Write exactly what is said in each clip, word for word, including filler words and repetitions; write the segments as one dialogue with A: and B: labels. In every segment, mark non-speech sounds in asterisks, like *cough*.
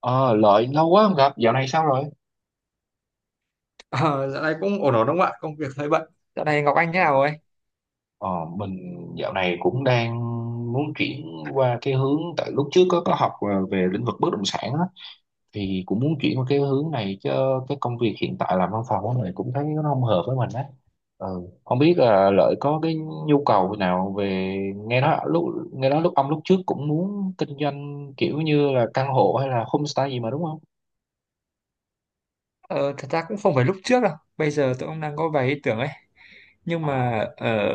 A: Ờ, Lợi lâu quá không gặp, dạo này sao rồi?
B: Ờ, Dạo này cũng ổn ổn đúng không ạ? Công việc hơi bận. Dạo này Ngọc Anh thế nào ấy?
A: Ờ, mình dạo này cũng đang muốn chuyển qua cái hướng, tại lúc trước có có học ờ, về lĩnh vực bất động sản á, thì cũng muốn chuyển qua cái hướng này chứ cái công việc hiện tại làm văn phòng á, mình cũng thấy nó không hợp với mình á. Ừ. Không biết là Lợi có cái nhu cầu nào về nghe nói lúc nghe nói lúc ông lúc trước cũng muốn kinh doanh kiểu như là căn hộ hay là homestay gì mà đúng không?
B: Ờ, Thật ra cũng không phải lúc trước đâu. Bây giờ tôi cũng đang có vài ý tưởng ấy. Nhưng
A: Ờ.
B: mà ờ,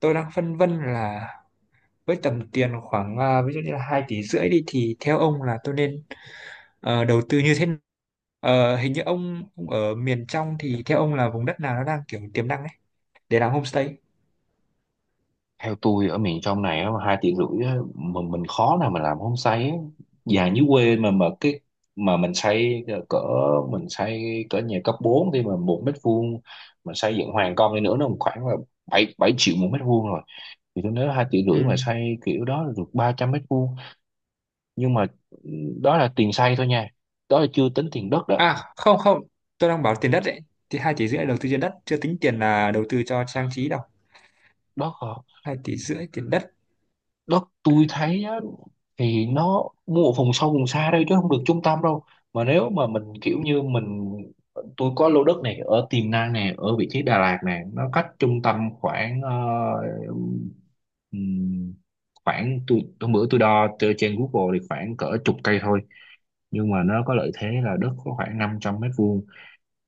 B: tôi đang phân vân là với tầm tiền khoảng à, ví dụ như là hai tỷ rưỡi đi thì theo ông là tôi nên ờ, đầu tư như thế nào? Ờ, hình như ông, ông ở miền trong thì theo ông là vùng đất nào nó đang kiểu tiềm năng ấy để làm homestay?
A: Theo tôi ở miền trong này á, mà hai tiếng rưỡi á, mà mình khó nào mà làm homestay á. Nhà dưới quê mà mà cái mà mình xây cỡ mình xây cỡ nhà cấp bốn thì mà một mét vuông mà xây dựng hoàn công đi nữa nó khoảng là bảy bảy triệu một mét vuông rồi, thì tôi nói hai triệu rưỡi
B: Ừ.
A: mà xây kiểu đó là được ba trăm mét vuông, nhưng mà ừ, đó là tiền xây thôi nha, đó là chưa tính tiền đất đó.
B: À, không không, tôi đang bảo tiền đất đấy. Thì hai tỷ rưỡi đầu tư trên đất chưa tính tiền là đầu tư cho trang trí đâu.
A: Đó.
B: Hai tỷ rưỡi tiền đất.
A: Đó tôi thấy á, thì nó mua ở vùng sâu vùng xa đây chứ không được trung tâm đâu. Mà nếu mà mình kiểu như mình, tôi có lô đất này ở Tiềm Năng này ở vị trí Đà Lạt này, nó cách trung tâm khoảng ờ, ừm, khoảng, tôi hôm bữa tôi đo từ trên Google thì khoảng cỡ chục cây thôi, nhưng mà nó có lợi thế là đất có khoảng năm trăm mét vuông,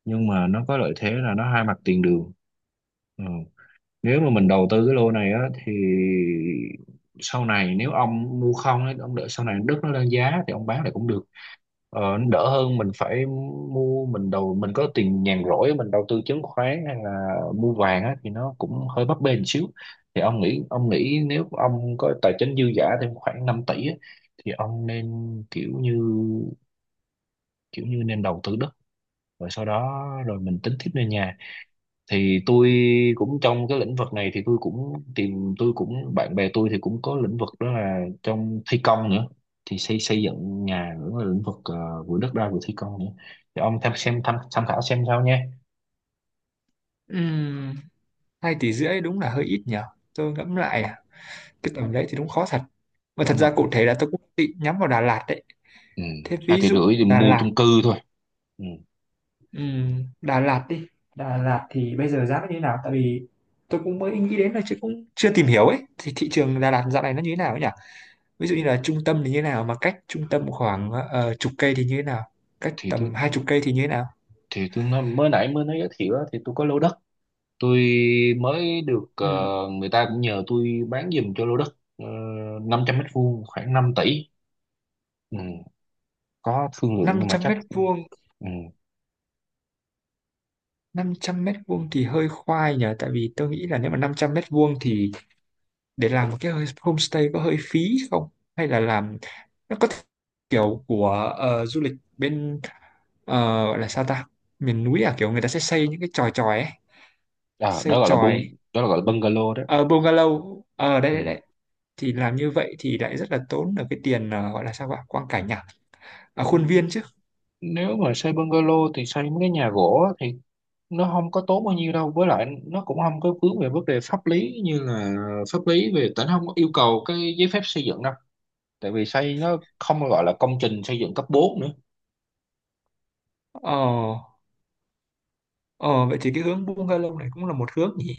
A: nhưng mà nó có lợi thế là nó hai mặt tiền đường. Ừ. Nếu mà mình đầu tư cái lô này á thì sau này nếu ông mua không ấy, ông đợi sau này đất nó lên giá thì ông bán lại cũng được, ờ, nó đỡ hơn mình phải mua, mình đầu mình có tiền nhàn rỗi mình đầu tư chứng khoán hay là mua vàng á thì nó cũng hơi bấp bênh xíu. Thì ông nghĩ ông nghĩ nếu ông có tài chính dư giả thêm khoảng năm tỷ á, thì ông nên kiểu như kiểu như nên đầu tư đất rồi sau đó rồi mình tính tiếp lên nhà. Thì tôi cũng trong cái lĩnh vực này, thì tôi cũng tìm tôi cũng bạn bè tôi thì cũng có lĩnh vực đó là trong thi công nữa, thì xây xây dựng nhà nữa, là lĩnh vực ờ, vừa đất đai vừa thi công nữa. Thì ông tham xem tham tham khảo xem sao nha.
B: Ừm, Hai tỷ rưỡi đúng là hơi ít nhỉ, tôi ngẫm
A: Ừ,
B: lại à, cái tầm đấy thì đúng khó thật, mà thật
A: đúng
B: ra
A: rồi,
B: cụ thể là tôi cũng định nhắm vào Đà Lạt đấy.
A: ừ.
B: Thế
A: Hai
B: ví
A: tỷ
B: dụ
A: rưỡi thì
B: Đà
A: mua
B: Lạt,
A: chung cư thôi. Ừ.
B: ừm, Đà Lạt đi. Đà Lạt thì bây giờ giá nó như thế nào, tại vì tôi cũng mới nghĩ đến là chứ cũng chưa tìm hiểu ấy, thì thị trường Đà Lạt dạo này nó như thế nào ấy nhỉ? Ví dụ như là trung tâm thì như thế nào, mà cách trung tâm khoảng ờ, chục cây thì như thế nào, cách
A: thì tôi
B: tầm hai chục cây thì như thế nào?
A: thì tôi nói, mới nãy mới nói giới thiệu á, thì tôi có lô đất, tôi mới được, ờ,
B: Ừm,
A: người ta cũng nhờ tôi bán giùm cho lô đất, uh, năm trăm mét vuông khoảng năm tỷ. Ừ. Có thương lượng
B: Năm
A: nhưng mà
B: trăm
A: chắc
B: mét vuông.
A: ừ.
B: Năm trăm mét vuông thì hơi khoai nhỉ, tại vì tôi nghĩ là nếu mà năm trăm mét vuông thì để làm một cái homestay có hơi phí không, hay là làm, nó có kiểu của ờ, du lịch bên ờ, gọi là sao ta, miền núi à, kiểu người ta sẽ xây những cái chòi chòi ấy,
A: à, đó
B: xây
A: gọi là bung
B: chòi.
A: đó là gọi là bungalow đó.
B: Ở bungalow ở đây
A: Ừ.
B: đây đây thì làm như vậy thì lại rất là tốn ở cái tiền ờ, gọi là sao ạ, quang cảnh à, à
A: Ừ,
B: khuôn viên chứ.
A: nếu mà xây bungalow thì xây mấy cái nhà gỗ á thì nó không có tốn bao nhiêu đâu, với lại nó cũng không có vướng về vấn đề pháp lý, như là pháp lý về tỉnh không có yêu cầu cái giấy phép xây dựng đâu, tại vì xây nó không gọi là công trình xây dựng cấp bốn nữa.
B: ờ ờ Vậy thì cái hướng bungalow này cũng là một hướng nhỉ.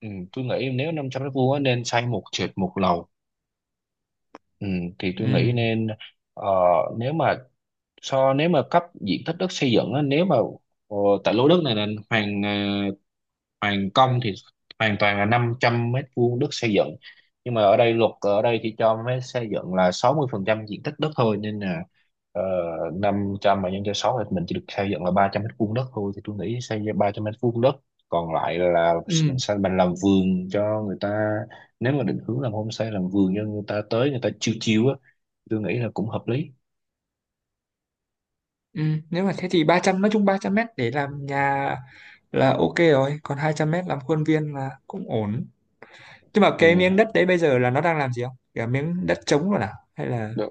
A: Ừ. Tôi nghĩ nếu năm trăm mét vuông á, nên xây một trệt một lầu. Ừ. Thì tôi
B: Ừ.
A: nghĩ nên, ờ, nếu mà so nếu mà cấp diện tích đất xây dựng á, nếu mà ờ, tại lô đất này là hoàn ờ, hoàn công thì hoàn toàn là năm trăm mét vuông đất xây dựng, nhưng mà ở đây luật ở đây thì cho mới xây dựng là sáu mươi phần trăm diện tích đất thôi, nên là ờ, năm trăm mà nhân cho sáu thì mình chỉ được xây dựng là ba trăm mét vuông đất thôi. Thì tôi nghĩ xây ra ba trăm mét vuông đất, còn lại là
B: Ừ.
A: mình sẽ mình làm vườn cho người ta, nếu mà định hướng làm homestay, làm vườn cho người ta tới người ta chiêu chiêu á, tôi nghĩ là cũng hợp lý.
B: Ừ. Nếu mà thế thì ba trăm, nói chung ba trăm mét để làm nhà là ok rồi, còn hai trăm mét làm khuôn viên là cũng ổn. Nhưng mà
A: Ừ.
B: cái miếng đất đấy bây giờ là nó đang làm gì không, cả miếng đất trống rồi à hay là?
A: Được.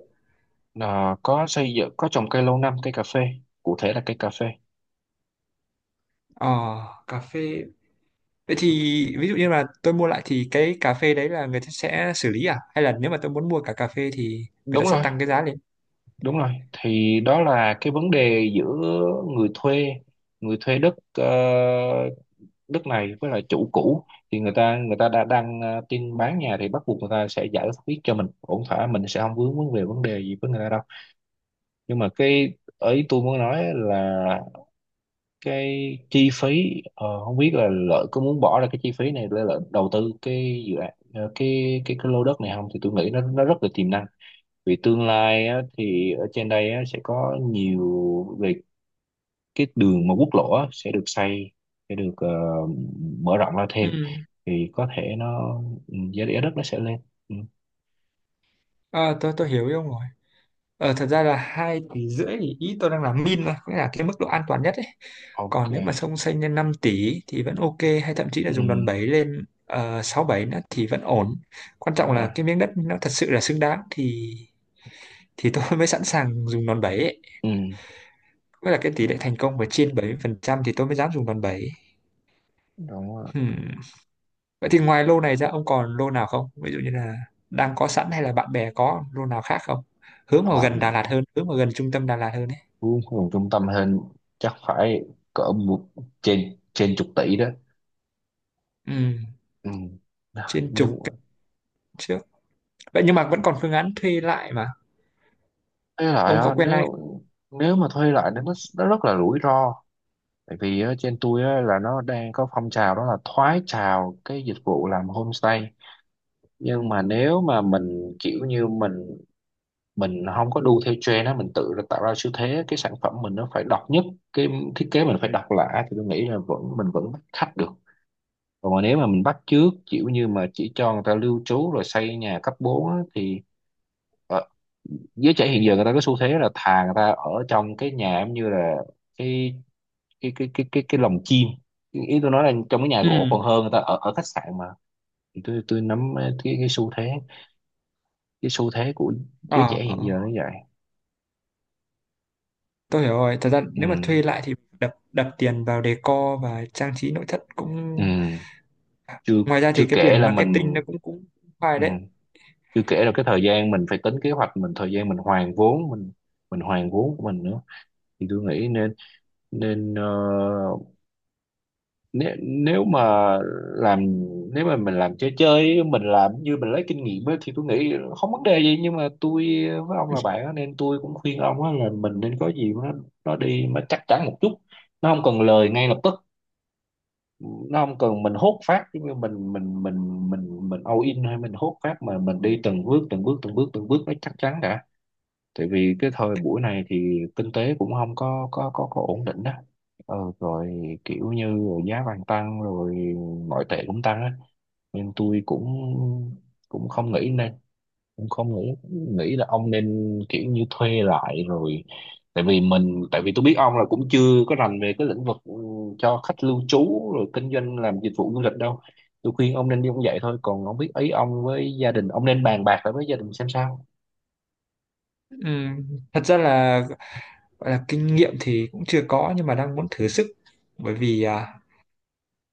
A: Ờ, có xây dựng, có trồng cây lâu năm, cây cà phê, cụ thể là cây cà phê.
B: Ờ, cà phê. Vậy thì ví dụ như là tôi mua lại thì cái cà phê đấy là người ta sẽ xử lý, à hay là nếu mà tôi muốn mua cả cà phê thì người ta
A: Đúng
B: sẽ
A: rồi,
B: tăng cái giá lên?
A: đúng rồi, thì đó là cái vấn đề giữa người thuê, người thuê đất, ờ, đất này với lại chủ cũ. Thì người ta người ta đã đang ờ, tin bán nhà thì bắt buộc người ta sẽ giải quyết cho mình ổn thỏa, mình sẽ không vướng vấn về vấn đề gì với người ta đâu. Nhưng mà cái ý tôi muốn nói là cái chi phí, ờ, không biết là Lợi có muốn bỏ ra cái chi phí này để Lợi đầu tư cái dự án, ờ, cái cái cái lô đất này không, thì tôi nghĩ nó nó rất là tiềm năng. Vì tương lai á, thì ở trên đây á, sẽ có nhiều về cái đường mà quốc lộ á, sẽ được xây, sẽ được ờ, mở rộng ra
B: Ừ.
A: thêm. Thì có thể nó, ừ, giá giá đất nó sẽ lên. Ừ.
B: Ờ, tôi tôi hiểu ý ông rồi. Ờ, thật ra là hai tỷ rưỡi thì ý tôi đang là min thôi, nghĩa là cái mức độ an toàn nhất ấy.
A: Ok,
B: Còn nếu mà xông xanh lên năm tỷ thì vẫn ok, hay thậm chí
A: ừ,
B: là dùng đòn bẩy lên uh, sáu bảy nữa thì vẫn ổn. Quan trọng
A: đúng rồi,
B: là cái miếng đất nó thật sự là xứng đáng thì thì tôi *laughs* mới sẵn sàng dùng đòn bẩy ấy.
A: ừ,
B: Với là cái tỷ lệ thành công phải trên bảy mươi phần trăm thì tôi mới dám dùng đòn bẩy.
A: đúng rồi.
B: Hmm. Vậy thì ngoài lô này ra ông còn lô nào không? Ví dụ như là đang có sẵn hay là bạn bè có lô nào khác không? Hướng vào gần Đà Lạt hơn, hướng vào gần trung tâm Đà Lạt hơn ấy.
A: Vốn nguồn trung tâm hơn chắc phải cỡ một trên trên chục tỷ đó.
B: Ừ,
A: Ừ. Đó,
B: trên
A: nhưng
B: trục trước, vậy nhưng mà vẫn còn phương án thuê lại mà,
A: thuê lại
B: ông có
A: á,
B: quen ai
A: nếu
B: không?
A: nếu mà thuê lại thì nó nó rất là rủi ro, tại vì á, trên tôi á, là nó đang có phong trào đó là thoái trào cái dịch vụ làm homestay. Nhưng mà nếu mà mình kiểu như mình mình không có đu theo trend á, mình tự ra- tạo ra xu thế, cái sản phẩm mình nó phải độc nhất, cái thiết kế mình phải độc lạ, thì tôi nghĩ là vẫn mình vẫn bắt khách được. Còn mà nếu mà mình bắt chước kiểu như mà chỉ cho người ta lưu trú rồi xây nhà cấp bốn á, thì ờ, giới trẻ hiện giờ người ta có xu thế là thà người ta ở trong cái nhà giống như là cái cái cái cái cái, cái lồng chim, ý ý tôi nói là trong cái nhà gỗ, còn
B: Ừ.
A: hơn người ta ở ở khách sạn mà. Thì tôi tôi nắm cái cái xu thế cái xu thế của giới
B: ờ
A: trẻ
B: ờ.
A: hiện giờ nó vậy.
B: Tôi hiểu rồi, thật ra
A: Ừ.
B: nếu mà thuê lại thì đập đập tiền vào decor và trang trí nội thất
A: Ừ.
B: cũng,
A: chưa
B: ngoài ra
A: chưa
B: thì cái
A: kể
B: tiền
A: là mình.
B: marketing nó cũng cũng phải
A: Ừ.
B: đấy.
A: Chưa kể là cái thời gian mình phải tính kế hoạch mình, thời gian mình hoàn vốn mình mình hoàn vốn của mình nữa. Thì tôi nghĩ nên, nên uh, nếu, nếu mà làm nếu mà mình làm chơi chơi ấy, mình làm như mình lấy kinh nghiệm ấy thì tôi nghĩ không vấn đề gì. Nhưng mà tôi với ông là bạn á, nên tôi cũng khuyên ông á, là mình nên có gì nó nó đi mà chắc chắn một chút, nó không cần lời ngay lập tức, nó không cần mình hốt phát, giống như mình mình mình mình mình all in hay mình hốt phát, mà mình đi từng bước từng bước từng bước từng bước nó chắc chắn đã. Tại vì cái thời buổi này thì kinh tế cũng không có có có có ổn định đó. Ờ, rồi kiểu như giá vàng tăng rồi ngoại tệ cũng tăng á, nên tôi cũng cũng không nghĩ nên, cũng không nghĩ nghĩ là ông nên kiểu như thuê lại rồi, tại vì mình tại vì tôi biết ông là cũng chưa có rành về cái lĩnh vực, ừ, cho khách lưu trú rồi kinh doanh làm dịch vụ du lịch đâu. Tôi khuyên ông nên đi cũng vậy thôi, còn không biết ý ông với gia đình, ông nên bàn bạc lại với gia đình xem sao.
B: Ừm, Thật ra là gọi là kinh nghiệm thì cũng chưa có nhưng mà đang muốn thử sức, bởi vì à,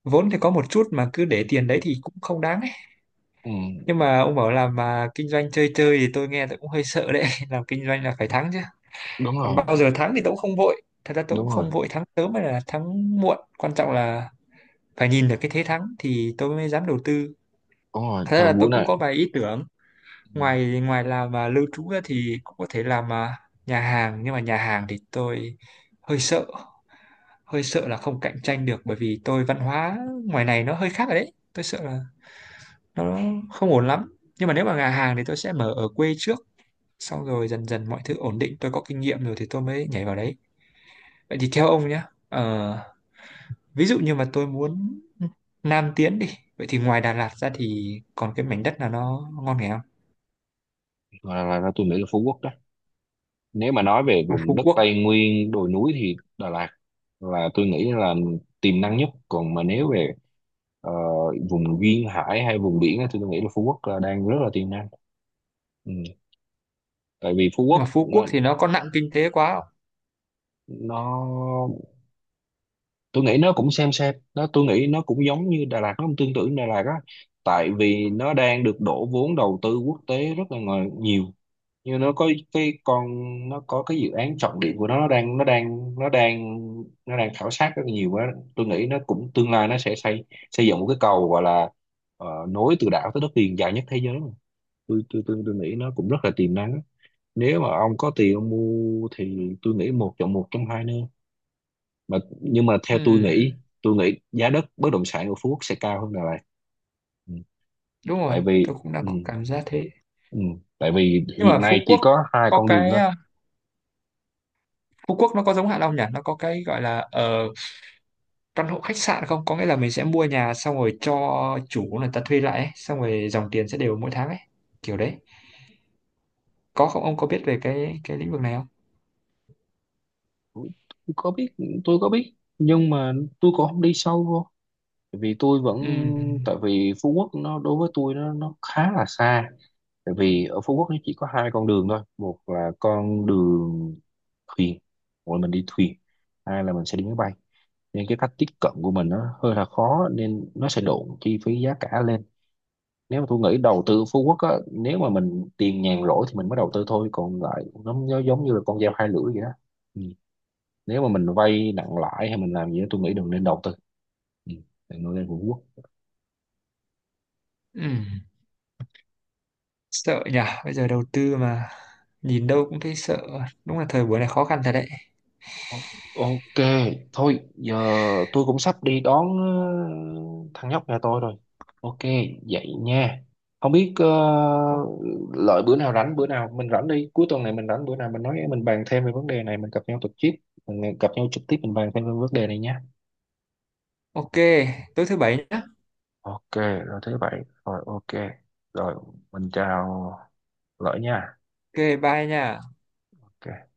B: vốn thì có một chút mà cứ để tiền đấy thì cũng không đáng ấy.
A: Ừ,
B: Nhưng mà ông bảo là mà kinh doanh chơi chơi thì tôi nghe tôi cũng hơi sợ đấy *laughs* làm kinh doanh là phải thắng chứ.
A: đúng
B: Còn
A: rồi,
B: bao giờ thắng thì tôi cũng không vội, thật ra tôi cũng
A: đúng rồi.
B: không vội thắng sớm hay là thắng muộn, quan trọng là phải nhìn được cái thế thắng thì tôi mới dám đầu tư.
A: Đúng rồi,
B: Thật ra
A: thời
B: là tôi
A: buổi
B: cũng
A: này.
B: có vài ý tưởng,
A: Ừ,
B: ngoài ngoài làm mà lưu trú ra thì cũng có thể làm à, nhà hàng, nhưng mà nhà hàng thì tôi hơi sợ, hơi sợ là không cạnh tranh được, bởi vì tôi văn hóa ngoài này nó hơi khác rồi đấy, tôi sợ là nó không ổn lắm. Nhưng mà nếu mà nhà hàng thì tôi sẽ mở ở quê trước, xong rồi dần dần mọi thứ ổn định, tôi có kinh nghiệm rồi thì tôi mới nhảy vào đấy. Vậy thì theo ông nhé, ờ, ví dụ như mà tôi muốn Nam tiến đi, vậy thì ngoài Đà Lạt ra thì còn cái mảnh đất nào nó ngon nghè không?
A: là, là, là tôi nghĩ là Phú Quốc đó. Nếu mà nói về
B: Ôi,
A: vùng
B: Phú
A: đất
B: Quốc,
A: Tây Nguyên, đồi núi thì Đà Lạt là tôi nghĩ là tiềm năng nhất. Còn mà nếu về ờ, vùng duyên hải hay vùng biển á, thì tôi nghĩ là Phú Quốc là đang rất là tiềm năng. Ừ. Tại vì Phú
B: nhưng
A: Quốc
B: mà Phú
A: nó,
B: Quốc thì nó có nặng kinh tế quá không?
A: nó tôi nghĩ nó cũng xem xem nó, tôi nghĩ nó cũng giống như Đà Lạt, nó cũng tương tự như Đà Lạt á, tại vì nó đang được đổ vốn đầu tư quốc tế rất là ngờ- nhiều, như nó có cái con nó có cái dự án trọng điểm của nó, nó đang nó đang nó đang nó đang khảo sát rất là nhiều quá. Tôi nghĩ nó cũng tương lai nó sẽ xây, xây dựng một cái cầu gọi là ờ, nối từ đảo tới đất liền dài nhất thế giới mà. tôi tôi tôi tôi nghĩ nó cũng rất là tiềm năng á. Nếu mà ông có tiền ông mua thì tôi nghĩ một chọn một trong hai nơi, mà nhưng mà theo tôi nghĩ,
B: Ừm,
A: tôi nghĩ giá đất bất động sản ở Phú Quốc sẽ cao hơn Đà Lạt. Ừ.
B: đúng rồi,
A: tại vì
B: tôi cũng đang
A: ừ,
B: có cảm giác thế.
A: ừ. Tại vì
B: Nhưng
A: hiện
B: mà
A: nay
B: Phú
A: chỉ
B: Quốc
A: có hai
B: có
A: con đường
B: cái
A: thôi.
B: à, Phú Quốc nó có giống Hạ Long nhỉ? Nó có cái gọi là ờ, căn hộ khách sạn không? Có nghĩa là mình sẽ mua nhà xong rồi cho chủ người ta thuê lại ấy, xong rồi dòng tiền sẽ đều mỗi tháng ấy, kiểu đấy. Có không? Ông có biết về cái cái lĩnh vực này không?
A: Tôi có biết, tôi có biết nhưng mà tôi cũng không đi sâu vô, tại vì tôi vẫn,
B: Ừm.
A: tại vì Phú Quốc nó đối với tôi nó nó khá là xa, tại vì ở Phú Quốc nó chỉ có hai con đường thôi, một là con đường thuyền, gọi là mình đi thuyền, hai là mình sẽ đi máy bay, nên cái cách tiếp cận của mình nó hơi là khó, nên nó sẽ độn chi phí giá cả lên. Nếu mà tôi nghĩ đầu tư Phú Quốc á, nếu mà mình tiền nhàn rỗi thì mình mới đầu tư thôi, còn lại nó, nó giống như là con dao hai lưỡi vậy đó. Ừ. Nếu mà mình vay nặng lãi hay mình làm gì đó tôi nghĩ đừng nên đầu tư. Ừ. Đừng nên lên Phú Quốc.
B: Ừ. Sợ nhỉ, bây giờ đầu tư mà nhìn đâu cũng thấy sợ, đúng là thời buổi này khó khăn thật đấy.
A: O- Ok, thôi giờ tôi cũng sắp đi đón ờ, thằng nhóc nhà tôi rồi. Ok, vậy nha. Không biết ờ,
B: O-
A: Lợi bữa nào rảnh, bữa nào mình rảnh đi, cuối tuần này mình rảnh bữa nào mình nói mình bàn thêm về vấn đề này, mình gặp nhau trực tiếp, mình gặp nhau trực tiếp mình bàn thêm về vấn đề này nhé.
B: ok, tối thứ bảy nhá.
A: Ok, rồi thế vậy. Rồi ok. Rồi mình chào Lợi nha.
B: Ok, bye nha.
A: Ok.